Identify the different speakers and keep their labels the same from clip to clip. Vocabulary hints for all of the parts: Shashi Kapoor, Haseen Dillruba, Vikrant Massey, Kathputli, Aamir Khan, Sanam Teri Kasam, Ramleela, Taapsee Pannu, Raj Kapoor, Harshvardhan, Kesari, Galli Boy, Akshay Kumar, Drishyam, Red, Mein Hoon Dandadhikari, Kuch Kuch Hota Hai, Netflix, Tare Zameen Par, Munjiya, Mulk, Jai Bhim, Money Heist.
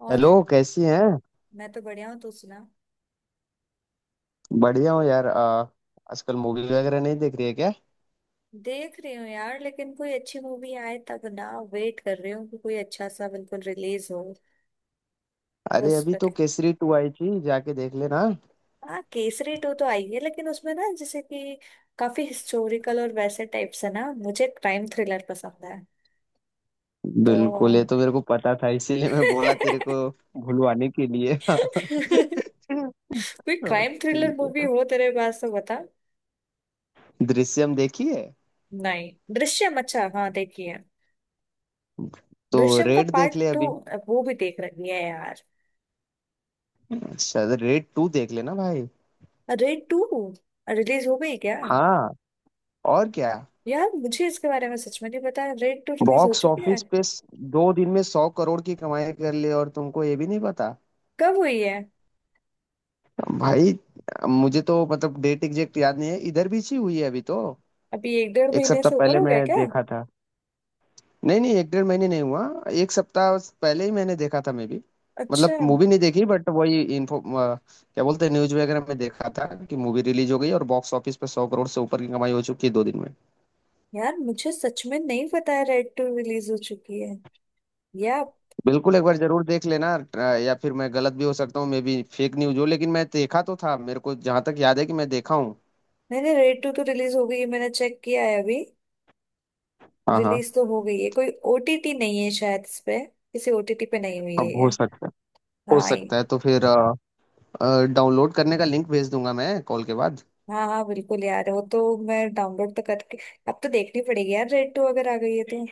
Speaker 1: और
Speaker 2: हेलो, कैसी हैं?
Speaker 1: मैं तो बढ़िया हूँ। तू सुना।
Speaker 2: बढ़िया हूँ यार। आजकल मूवी वगैरह नहीं देख रही है क्या?
Speaker 1: देख रही हूँ यार लेकिन कोई अच्छी मूवी आए तब ना। वेट कर रही हूँ कि कोई अच्छा सा बिल्कुल रिलीज हो। तो
Speaker 2: अरे,
Speaker 1: उस
Speaker 2: अभी
Speaker 1: पर
Speaker 2: तो केसरी टू आई थी, जाके देख लेना।
Speaker 1: हाँ, केसरी टू तो आई है लेकिन उसमें ना जैसे कि काफी हिस्टोरिकल और वैसे टाइप से ना, मुझे क्राइम थ्रिलर पसंद है। तो
Speaker 2: बिल्कुल, ये तो मेरे को पता था, इसीलिए मैं बोला तेरे को भुलवाने के लिए।
Speaker 1: कोई
Speaker 2: हाँ।
Speaker 1: क्राइम थ्रिलर
Speaker 2: ठीक
Speaker 1: मूवी
Speaker 2: है,
Speaker 1: हो तेरे पास तो बता।
Speaker 2: दृश्यम देखी है?
Speaker 1: नहीं, दृश्यम अच्छा हाँ देखिए।
Speaker 2: तो
Speaker 1: दृश्यम का
Speaker 2: रेड
Speaker 1: पार्ट
Speaker 2: देख ले
Speaker 1: टू
Speaker 2: अभी।
Speaker 1: वो भी देख रही है यार।
Speaker 2: अच्छा, रेड टू देख लेना भाई।
Speaker 1: अरे टू रिलीज हो गई क्या?
Speaker 2: हाँ। और क्या।
Speaker 1: यार मुझे इसके बारे में सच में नहीं पता रेड टू रिलीज हो
Speaker 2: बॉक्स
Speaker 1: चुकी है।
Speaker 2: ऑफिस पे 2 दिन में 100 करोड़ की कमाई कर ली और तुमको ये भी नहीं पता।
Speaker 1: कब हुई है?
Speaker 2: भाई, मुझे तो मतलब डेट एग्जैक्ट याद नहीं है, इधर भी इसी हुई है अभी तो।
Speaker 1: अभी एक डेढ़
Speaker 2: एक
Speaker 1: महीने
Speaker 2: सप्ताह
Speaker 1: से ऊपर
Speaker 2: पहले
Speaker 1: हो
Speaker 2: मैं
Speaker 1: गया क्या?
Speaker 2: देखा था। नहीं, नहीं, एक डेढ़ महीने नहीं हुआ। एक सप्ताह पहले ही मैंने देखा था, मैं भी। मतलब
Speaker 1: अच्छा।
Speaker 2: मूवी नहीं देखी, बट वही इन्फो, क्या बोलते हैं, न्यूज वगैरह में देखा था कि मूवी रिलीज हो गई और बॉक्स ऑफिस पे 100 करोड़ से ऊपर की कमाई हो चुकी है 2 दिन में।
Speaker 1: यार मुझे सच में नहीं पता है रेड टू रिलीज हो चुकी है या।
Speaker 2: बिल्कुल एक बार जरूर देख लेना। या फिर मैं गलत भी हो सकता हूँ, मे बी फेक न्यूज हो, लेकिन मैं देखा तो था, मेरे को जहां तक याद है कि मैं देखा हूँ।
Speaker 1: मैंने रेड टू, तो रिलीज हो गई है मैंने चेक किया है अभी।
Speaker 2: हाँ, हाँ।
Speaker 1: रिलीज तो हो गई है, कोई ओटीटी नहीं है शायद इस पे। किसी ओटीटी पे नहीं हुई है
Speaker 2: अब हो
Speaker 1: ये।
Speaker 2: सकता है। हो
Speaker 1: हाँ ये-
Speaker 2: सकता है, तो फिर डाउनलोड करने का लिंक भेज दूंगा मैं कॉल के बाद।
Speaker 1: हाँ हाँ बिल्कुल यार वो तो। मैं डाउनलोड तो करके अब तो देखनी पड़ेगी यार रेड टू अगर आ गई है तो।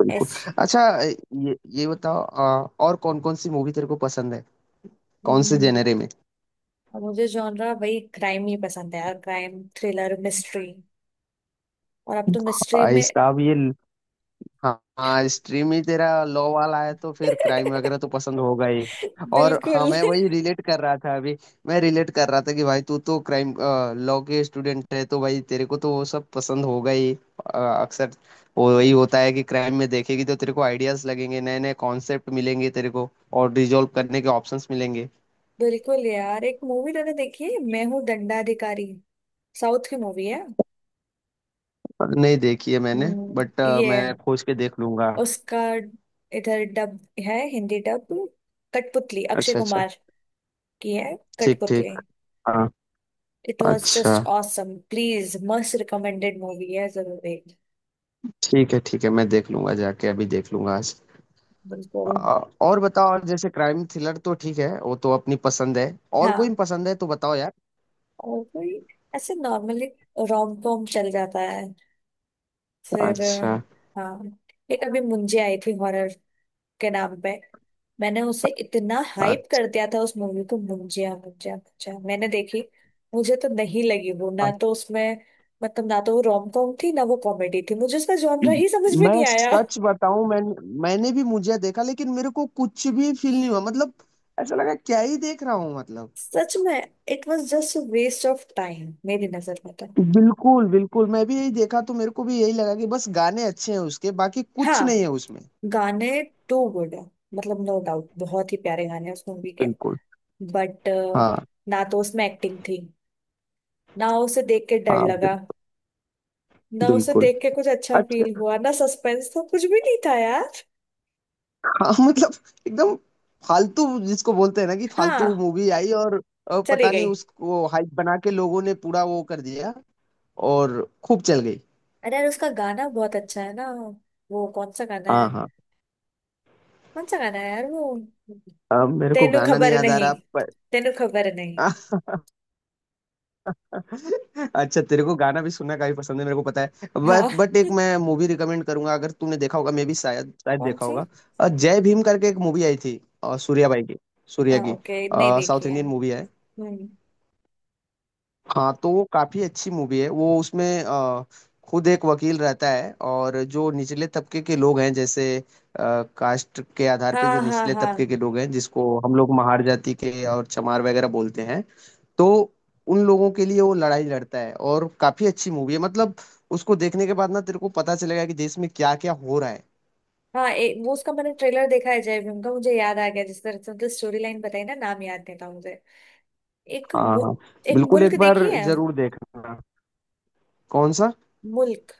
Speaker 2: बिल्कुल।
Speaker 1: ऐसी।
Speaker 2: अच्छा, ये बताओ, और कौन कौन सी मूवी तेरे को पसंद है? कौन से
Speaker 1: हम्म
Speaker 2: जेनरे में?
Speaker 1: और मुझे जॉनरा वही क्राइम नहीं पसंद है यार। क्राइम थ्रिलर मिस्ट्री और अब तो मिस्ट्री
Speaker 2: आ,
Speaker 1: में
Speaker 2: इस- अब ये हाँ, हाँ, स्ट्रीम ही तेरा लॉ वाला है, तो फिर क्राइम वगैरह तो पसंद होगा ही। और
Speaker 1: बिल्कुल।
Speaker 2: हाँ, मैं वही रिलेट कर रहा था अभी। मैं रिलेट कर रहा था कि भाई, तू तो क्राइम लॉ के स्टूडेंट है, तो भाई तेरे को तो वो सब पसंद होगा ही। अक्सर वो वही होता है कि क्राइम में देखेगी तो तेरे को आइडियाज लगेंगे, नए नए कॉन्सेप्ट मिलेंगे तेरे को और रिजॉल्व करने के ऑप्शंस मिलेंगे।
Speaker 1: बिल्कुल यार, एक मूवी मैंने देखी है, मैं हूँ दंडाधिकारी। साउथ की मूवी है।
Speaker 2: नहीं देखी है मैंने। बट
Speaker 1: ये
Speaker 2: मैं खोज के देख लूंगा।
Speaker 1: उसका इधर डब है, हिंदी डब। कठपुतली, अक्षय
Speaker 2: अच्छा, अच्छा।
Speaker 1: कुमार की है।
Speaker 2: ठीक, ठीक।
Speaker 1: कठपुतली।
Speaker 2: हाँ।
Speaker 1: इट वॉज
Speaker 2: अच्छा,
Speaker 1: just awesome, please must recommended movie है, जरूर देख।
Speaker 2: ठीक है, ठीक है, मैं देख लूंगा, जाके अभी देख लूंगा आज।
Speaker 1: बिल्कुल।
Speaker 2: अ, और बताओ, और जैसे क्राइम थ्रिलर तो ठीक है, वो तो अपनी पसंद है। और कोई
Speaker 1: हाँ
Speaker 2: पसंद है तो बताओ यार।
Speaker 1: और कोई ऐसे नॉर्मली रोम कॉम चल जाता है। फिर
Speaker 2: अच्छा।
Speaker 1: हाँ एक अभी मुंजे आई थी हॉरर के नाम पे। मैंने उसे इतना हाइप
Speaker 2: अच्छा,
Speaker 1: कर दिया था उस मूवी को। मुंजिया मुंजिया मुंजिया मैंने देखी। मुझे तो नहीं लगी वो, ना तो उसमें मतलब, ना तो वो रोम कॉम थी ना वो कॉमेडी थी, मुझे उसका जॉनर ही समझ में
Speaker 2: मैं
Speaker 1: नहीं आया।
Speaker 2: सच बताऊं? मैंने भी मुझे देखा, लेकिन मेरे को कुछ भी फील नहीं हुआ मतलब। ऐसा लगा क्या ही देख रहा हूँ मतलब।
Speaker 1: सच में it was just waste of time मेरी नजर में तो।
Speaker 2: बिल्कुल, बिल्कुल, मैं भी यही देखा तो मेरे को भी यही लगा कि बस गाने अच्छे हैं उसके, बाकी कुछ नहीं है
Speaker 1: हाँ,
Speaker 2: उसमें।
Speaker 1: गाने टू गुड है। मतलब नो डाउट बहुत ही प्यारे गाने हैं उस मूवी के।
Speaker 2: बिल्कुल।
Speaker 1: बट
Speaker 2: हाँ।
Speaker 1: ना तो उसमें एक्टिंग थी, ना उसे देख के डर
Speaker 2: हाँ,
Speaker 1: लगा, ना उसे
Speaker 2: बिल्कुल।
Speaker 1: देख के कुछ अच्छा
Speaker 2: अच्छा।
Speaker 1: फील हुआ, ना सस्पेंस था, कुछ भी नहीं था यार।
Speaker 2: हाँ। मतलब एकदम फालतू, जिसको बोलते हैं ना, कि फालतू
Speaker 1: हाँ
Speaker 2: मूवी आई और,
Speaker 1: चली
Speaker 2: पता नहीं
Speaker 1: गई।
Speaker 2: उसको हाइप बना के लोगों ने पूरा वो कर दिया। और खूब चल गई।
Speaker 1: अरे यार उसका गाना बहुत अच्छा है ना। वो कौन सा गाना है?
Speaker 2: हाँ, हाँ।
Speaker 1: कौन सा गाना है यार वो?
Speaker 2: अब मेरे को
Speaker 1: तेनू
Speaker 2: गाना नहीं
Speaker 1: खबर
Speaker 2: याद आ
Speaker 1: नहीं,
Speaker 2: रहा पर।
Speaker 1: तेनू खबर नहीं।
Speaker 2: अच्छा, तेरे को गाना भी सुनना काफी पसंद है, मेरे को पता है।
Speaker 1: हाँ
Speaker 2: बट एक मैं मूवी रिकमेंड करूंगा, अगर तूने देखा होगा मे भी, शायद शायद
Speaker 1: कौन
Speaker 2: देखा
Speaker 1: सी?
Speaker 2: होगा। जय भीम करके एक मूवी आई थी, सूर्या भाई की। सूर्या
Speaker 1: हाँ
Speaker 2: की।
Speaker 1: ओके, नहीं देखी
Speaker 2: साउथ
Speaker 1: है।
Speaker 2: इंडियन मूवी है।
Speaker 1: हम्म।
Speaker 2: हाँ, तो वो काफी अच्छी मूवी है। वो उसमें खुद एक वकील रहता है और जो निचले तबके के लोग हैं, जैसे कास्ट के आधार पे
Speaker 1: हाँ
Speaker 2: जो
Speaker 1: हाँ
Speaker 2: निचले
Speaker 1: हाँ।
Speaker 2: तबके के लोग हैं, जिसको हम लोग महार जाति के और चमार वगैरह बोलते हैं, तो उन लोगों के लिए वो लड़ाई लड़ता है और काफी अच्छी मूवी है मतलब। उसको देखने के बाद ना तेरे को पता चलेगा कि देश में क्या क्या हो रहा है।
Speaker 1: हाँ वो उसका मैंने ट्रेलर देखा है जय भीम का, मुझे याद आ गया जिस तरह से उनकी स्टोरी लाइन बताई ना, नाम याद नहीं था मुझे। एक
Speaker 2: हाँ,
Speaker 1: मु,
Speaker 2: हाँ।
Speaker 1: एक
Speaker 2: बिल्कुल
Speaker 1: मुल्क
Speaker 2: एक बार
Speaker 1: देखी है।
Speaker 2: जरूर देखना। कौन सा?
Speaker 1: मुल्क।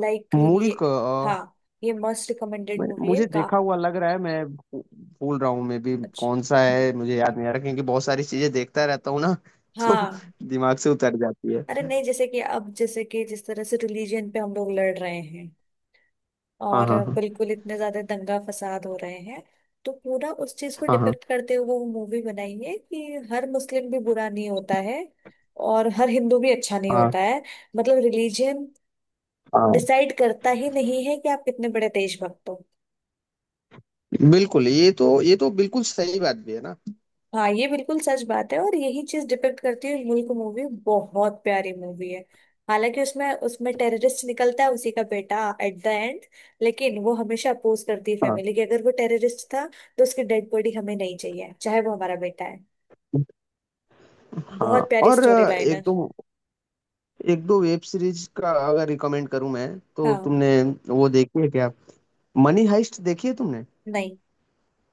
Speaker 1: लाइक ये।
Speaker 2: मुल्क?
Speaker 1: हाँ ये मोस्ट रिकमेंडेड मूवी है
Speaker 2: मुझे
Speaker 1: का।
Speaker 2: देखा हुआ लग रहा है, मैं भूल रहा हूँ, मैं भी
Speaker 1: अच्छी।
Speaker 2: कौन सा है, मुझे याद नहीं आ रहा, क्योंकि बहुत सारी चीजें देखता रहता हूँ ना। तो
Speaker 1: हाँ।
Speaker 2: दिमाग से उतर जाती है।
Speaker 1: अरे नहीं जैसे कि अब जैसे कि जिस तरह से रिलीजन पे हम लोग लड़ रहे हैं
Speaker 2: हाँ,
Speaker 1: और
Speaker 2: हाँ,
Speaker 1: बिल्कुल इतने ज्यादा दंगा फसाद हो रहे हैं। तो पूरा उस चीज को
Speaker 2: हाँ, हाँ,
Speaker 1: डिपेक्ट करते हुए वो मूवी बनाई है कि हर मुस्लिम भी बुरा नहीं होता है और हर हिंदू भी अच्छा नहीं होता
Speaker 2: हाँ,
Speaker 1: है। मतलब रिलीजन
Speaker 2: हाँ, हाँ।
Speaker 1: डिसाइड करता ही नहीं है कि आप कितने बड़े देशभक्त हो।
Speaker 2: बिल्कुल, ये तो, ये तो बिल्कुल सही बात भी है ना।
Speaker 1: हाँ ये बिल्कुल सच बात है और यही चीज डिपेक्ट करती है। मुल्क मूवी बहुत प्यारी मूवी है। हालांकि उसमें उसमें टेररिस्ट निकलता है उसी का बेटा एट द एंड, लेकिन वो हमेशा अपोज करती है
Speaker 2: हाँ,
Speaker 1: फैमिली की, अगर वो टेररिस्ट था तो उसकी डेड बॉडी हमें नहीं चाहिए चाहे वो हमारा बेटा है।
Speaker 2: हाँ।
Speaker 1: बहुत प्यारी
Speaker 2: और
Speaker 1: स्टोरी लाइन
Speaker 2: एक
Speaker 1: है।
Speaker 2: दो एक दो वेब सीरीज का अगर रिकमेंड करूँ मैं, तो
Speaker 1: हाँ।
Speaker 2: तुमने वो देखी है क्या? मनी हाइस्ट देखी है तुमने?
Speaker 1: नहीं,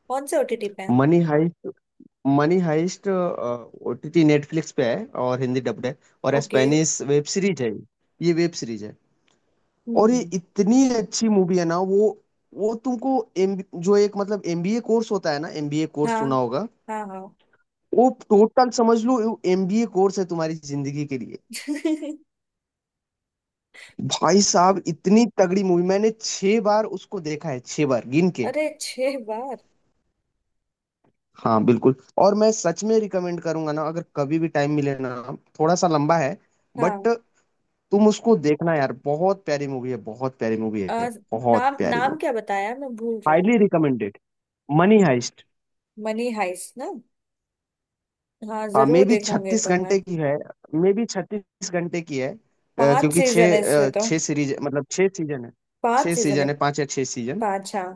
Speaker 1: कौन से ओटीटी पे है?
Speaker 2: Money heist. Money heist OTT Netflix पे है और हिंदी डब्ड है। और
Speaker 1: ओके।
Speaker 2: स्पेनिश वेब सीरीज है ये। ये वेब सीरीज है। और ये
Speaker 1: हम्म।
Speaker 2: इतनी अच्छी मूवी है ना, वो तुमको एम जो एक मतलब एमबीए कोर्स होता है ना, एमबीए कोर्स
Speaker 1: हाँ
Speaker 2: सुना होगा।
Speaker 1: हाँ हाँ
Speaker 2: वो टोटल समझ लो एमबीए कोर्स है तुम्हारी जिंदगी के लिए। भाई साहब, इतनी तगड़ी मूवी मैंने 6 बार उसको देखा है, 6 बार गिन के।
Speaker 1: अरे छह बार?
Speaker 2: हाँ, बिल्कुल। और मैं सच में रिकमेंड करूंगा ना, अगर कभी भी टाइम मिले ना। थोड़ा सा लंबा है,
Speaker 1: हाँ।
Speaker 2: बट तुम उसको देखना यार, बहुत प्यारी मूवी है, बहुत प्यारी मूवी
Speaker 1: अ,
Speaker 2: है, बहुत
Speaker 1: नाम,
Speaker 2: प्यारी
Speaker 1: नाम
Speaker 2: मूवी।
Speaker 1: क्या बताया, मैं भूल रही
Speaker 2: हाईली
Speaker 1: हूँ।
Speaker 2: Recommended, money heist.
Speaker 1: Money heist ना। हाँ
Speaker 2: हाँ, मे
Speaker 1: जरूर
Speaker 2: बी
Speaker 1: देखूंगी
Speaker 2: छत्तीस
Speaker 1: तो मैं।
Speaker 2: घंटे की है, मे बी 36 घंटे की है।
Speaker 1: पांच
Speaker 2: क्योंकि
Speaker 1: सीजन है
Speaker 2: छः,
Speaker 1: इसमें तो।
Speaker 2: छः सीरीज मतलब 6 सीजन है,
Speaker 1: पांच
Speaker 2: छः
Speaker 1: सीजन है।
Speaker 2: सीजन है, 5 या 6 सीजन।
Speaker 1: पांच हाँ।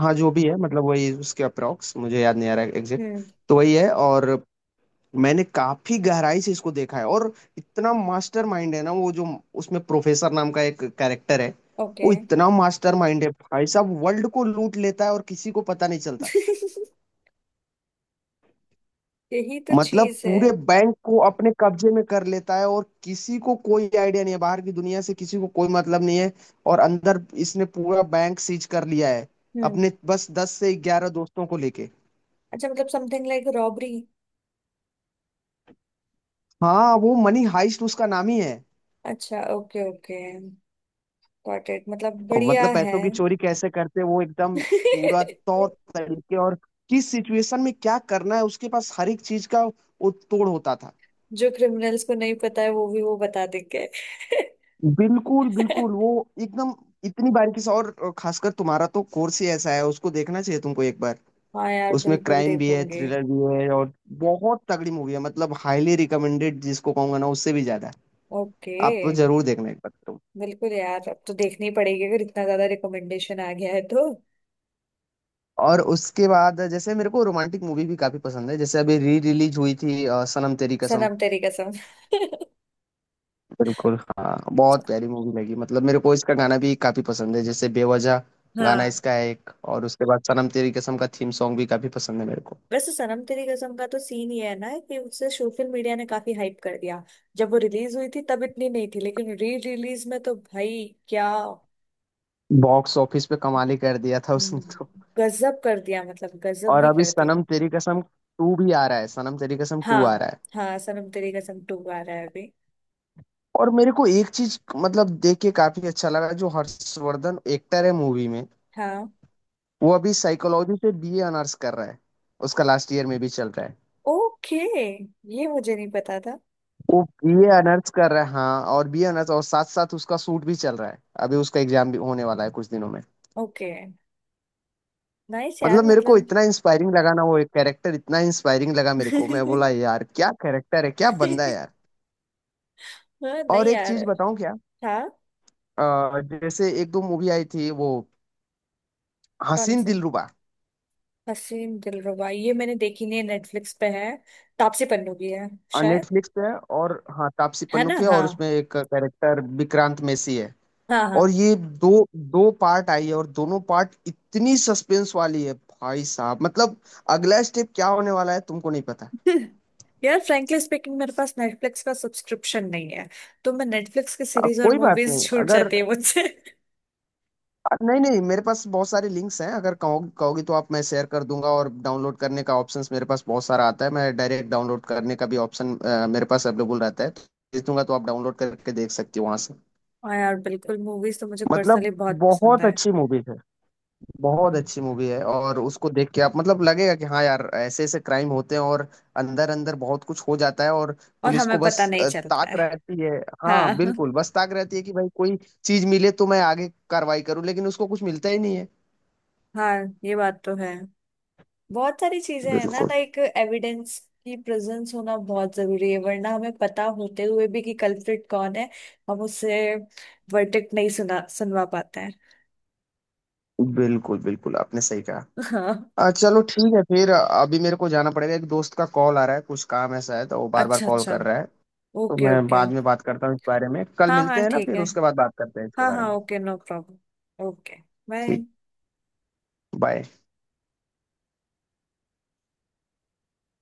Speaker 2: हाँ, जो भी है, मतलब वही उसके अप्रॉक्स, मुझे याद नहीं आ रहा एग्जैक्ट।
Speaker 1: हम्म।
Speaker 2: तो वही है। और मैंने काफी गहराई से इसको देखा है, और इतना मास्टर माइंड है ना वो, जो उसमें प्रोफेसर नाम का एक कैरेक्टर है,
Speaker 1: ओके
Speaker 2: वो इतना मास्टर माइंड है, भाई साहब, वर्ल्ड को लूट लेता है और किसी को पता नहीं चलता।
Speaker 1: यही तो
Speaker 2: मतलब
Speaker 1: चीज है।
Speaker 2: पूरे बैंक को अपने कब्जे में कर लेता है और किसी को कोई आइडिया नहीं है, बाहर की दुनिया से किसी को कोई मतलब नहीं है और अंदर इसने पूरा बैंक सीज कर लिया है,
Speaker 1: हम्म।
Speaker 2: अपने बस 10 से 11 दोस्तों को लेके।
Speaker 1: अच्छा मतलब समथिंग लाइक रॉबरी।
Speaker 2: हाँ, वो मनी हाइस्ट उसका नाम ही है।
Speaker 1: अच्छा ओके ओके। गॉट इट, मतलब
Speaker 2: और
Speaker 1: बढ़िया
Speaker 2: मतलब
Speaker 1: है।
Speaker 2: पैसों की चोरी कैसे करते हैं वो एकदम पूरा तौर तरीके, और किस सिचुएशन में क्या करना है, उसके पास हर एक चीज का वो तोड़ होता था।
Speaker 1: जो क्रिमिनल्स को नहीं पता है वो भी वो बता देंगे
Speaker 2: बिल्कुल, बिल्कुल, वो एकदम इतनी बारीकी से, और खासकर तुम्हारा तो कोर्स ही ऐसा है, उसको देखना चाहिए तुमको एक बार।
Speaker 1: हाँ यार
Speaker 2: उसमें
Speaker 1: बिल्कुल
Speaker 2: क्राइम भी है,
Speaker 1: देखूंगे।
Speaker 2: थ्रिलर भी है, और बहुत तगड़ी मूवी है, मतलब हाईली रिकमेंडेड जिसको कहूंगा ना, उससे भी ज्यादा।
Speaker 1: ओके।
Speaker 2: आप तो जरूर देखना एक बार तुम।
Speaker 1: बिल्कुल यार अब तो देखनी पड़ेगी, अगर इतना ज्यादा रिकमेंडेशन आ गया है तो।
Speaker 2: और उसके बाद, जैसे मेरे को रोमांटिक मूवी भी काफी पसंद है, जैसे अभी री रिलीज हुई थी, सनम तेरी कसम।
Speaker 1: सनम तेरी कसम
Speaker 2: बिल्कुल, हाँ, बहुत प्यारी मूवी लगी, मतलब मेरे को इसका गाना भी काफी पसंद है, जैसे बेवजह गाना
Speaker 1: हाँ
Speaker 2: इसका है एक, और उसके बाद सनम तेरी कसम का थीम सॉन्ग भी काफी पसंद है मेरे को।
Speaker 1: वैसे सनम तेरी कसम का तो सीन ये है ना कि उसे सोशल मीडिया ने काफी हाइप कर दिया। जब वो रिलीज हुई थी तब इतनी नहीं थी लेकिन री रिलीज में तो भाई क्या।
Speaker 2: बॉक्स ऑफिस पे कमाल ही कर दिया था उसने तो।
Speaker 1: गजब कर दिया, मतलब गजब
Speaker 2: और
Speaker 1: ही
Speaker 2: अभी
Speaker 1: कर दिया।
Speaker 2: सनम तेरी कसम टू भी आ रहा है, सनम तेरी कसम टू आ
Speaker 1: हाँ
Speaker 2: रहा है।
Speaker 1: हाँ सनम तेरी कसम टू आ रहा है अभी।
Speaker 2: और मेरे को एक चीज मतलब देख के काफी अच्छा लगा, जो हर्षवर्धन एक्टर है मूवी में,
Speaker 1: हाँ
Speaker 2: वो अभी साइकोलॉजी से बीए ऑनर्स कर रहा है, उसका लास्ट ईयर में भी चल रहा है।
Speaker 1: ओके, ये मुझे नहीं पता था।
Speaker 2: वो बीए ऑनर्स कर रहा है। हाँ, और बीए ऑनर्स और साथ साथ उसका सूट भी चल रहा है। अभी उसका एग्जाम भी होने वाला है कुछ दिनों में।
Speaker 1: ओके नाइस यार
Speaker 2: मतलब मेरे को
Speaker 1: मतलब
Speaker 2: इतना इंस्पायरिंग लगा ना वो एक कैरेक्टर, इतना इंस्पायरिंग लगा मेरे को, मैं बोला यार क्या कैरेक्टर है, क्या बंदा है यार।
Speaker 1: हाँ
Speaker 2: और
Speaker 1: नहीं
Speaker 2: एक
Speaker 1: यार।
Speaker 2: चीज बताऊं क्या?
Speaker 1: हाँ।
Speaker 2: जैसे एक दो मूवी आई थी, वो
Speaker 1: कौन
Speaker 2: हसीन
Speaker 1: सा?
Speaker 2: दिलरुबा,
Speaker 1: हसीन दिलरुबा ये मैंने देखी नहीं है, नेटफ्लिक्स पे है। तापसी पन्नू की है शायद।
Speaker 2: नेटफ्लिक्स पे है, और हाँ, तापसी
Speaker 1: है
Speaker 2: पन्नू
Speaker 1: ना
Speaker 2: की है
Speaker 1: हाँ।
Speaker 2: और उसमें एक कैरेक्टर विक्रांत मैसी है।
Speaker 1: हाँ
Speaker 2: और
Speaker 1: हाँ।
Speaker 2: ये दो दो पार्ट आई है, और दोनों पार्ट इतनी सस्पेंस वाली है भाई साहब, मतलब अगला स्टेप क्या होने वाला है तुमको नहीं पता।
Speaker 1: यार फ्रैंकली स्पीकिंग मेरे पास नेटफ्लिक्स का सब्सक्रिप्शन नहीं है। तो मैं नेटफ्लिक्स की सीरीज और
Speaker 2: कोई बात
Speaker 1: मूवीज
Speaker 2: नहीं,
Speaker 1: छूट
Speaker 2: अगर,
Speaker 1: जाती है मुझसे
Speaker 2: नहीं, नहीं, मेरे पास बहुत सारे लिंक्स हैं, अगर कहो, कहोगी तो आप, मैं शेयर कर दूंगा, और डाउनलोड करने का ऑप्शंस मेरे पास बहुत सारा आता है, मैं डायरेक्ट डाउनलोड करने का भी ऑप्शन मेरे पास अवेलेबल रहता है, तो भेज दूंगा तो आप डाउनलोड करके देख सकती हो वहां से।
Speaker 1: हाँ यार बिल्कुल, मूवीज तो मुझे
Speaker 2: मतलब
Speaker 1: पर्सनली बहुत पसंद
Speaker 2: बहुत
Speaker 1: है।
Speaker 2: अच्छी मूवी है, बहुत
Speaker 1: हम्म,
Speaker 2: अच्छी मूवी है, और उसको देख के आप मतलब लगेगा कि हाँ यार, ऐसे ऐसे क्राइम होते हैं, और अंदर अंदर बहुत कुछ हो जाता है, और
Speaker 1: और
Speaker 2: पुलिस
Speaker 1: हमें
Speaker 2: को बस
Speaker 1: पता नहीं चलता
Speaker 2: ताक
Speaker 1: है।
Speaker 2: रहती है। हाँ,
Speaker 1: हाँ
Speaker 2: बिल्कुल, बस ताक रहती है कि भाई कोई चीज मिले तो मैं आगे कार्रवाई करूँ, लेकिन उसको कुछ मिलता ही नहीं है।
Speaker 1: हाँ ये बात तो है। बहुत सारी चीजें हैं ना,
Speaker 2: बिल्कुल,
Speaker 1: लाइक एविडेंस की प्रेजेंस होना बहुत जरूरी है, वरना हमें पता होते हुए भी कि कल्प्रिट कौन है, हम उससे वर्डिक्ट नहीं सुना सुनवा पाते हैं।
Speaker 2: बिल्कुल, बिल्कुल आपने सही कहा।
Speaker 1: हाँ।
Speaker 2: चलो ठीक है, फिर अभी मेरे को जाना पड़ेगा, एक दोस्त का कॉल आ रहा है, कुछ काम ऐसा है, तो वो बार बार
Speaker 1: अच्छा
Speaker 2: कॉल
Speaker 1: अच्छा।
Speaker 2: कर रहा है, तो
Speaker 1: ओके
Speaker 2: मैं
Speaker 1: ओके।
Speaker 2: बाद में बात करता हूँ इस बारे में, कल
Speaker 1: हाँ
Speaker 2: मिलते
Speaker 1: हाँ
Speaker 2: हैं ना
Speaker 1: ठीक
Speaker 2: फिर
Speaker 1: है।
Speaker 2: उसके बाद बात करते हैं इसके
Speaker 1: हाँ
Speaker 2: बारे
Speaker 1: हाँ
Speaker 2: में।
Speaker 1: Okay no problem okay.
Speaker 2: ठीक।
Speaker 1: बाय।
Speaker 2: बाय।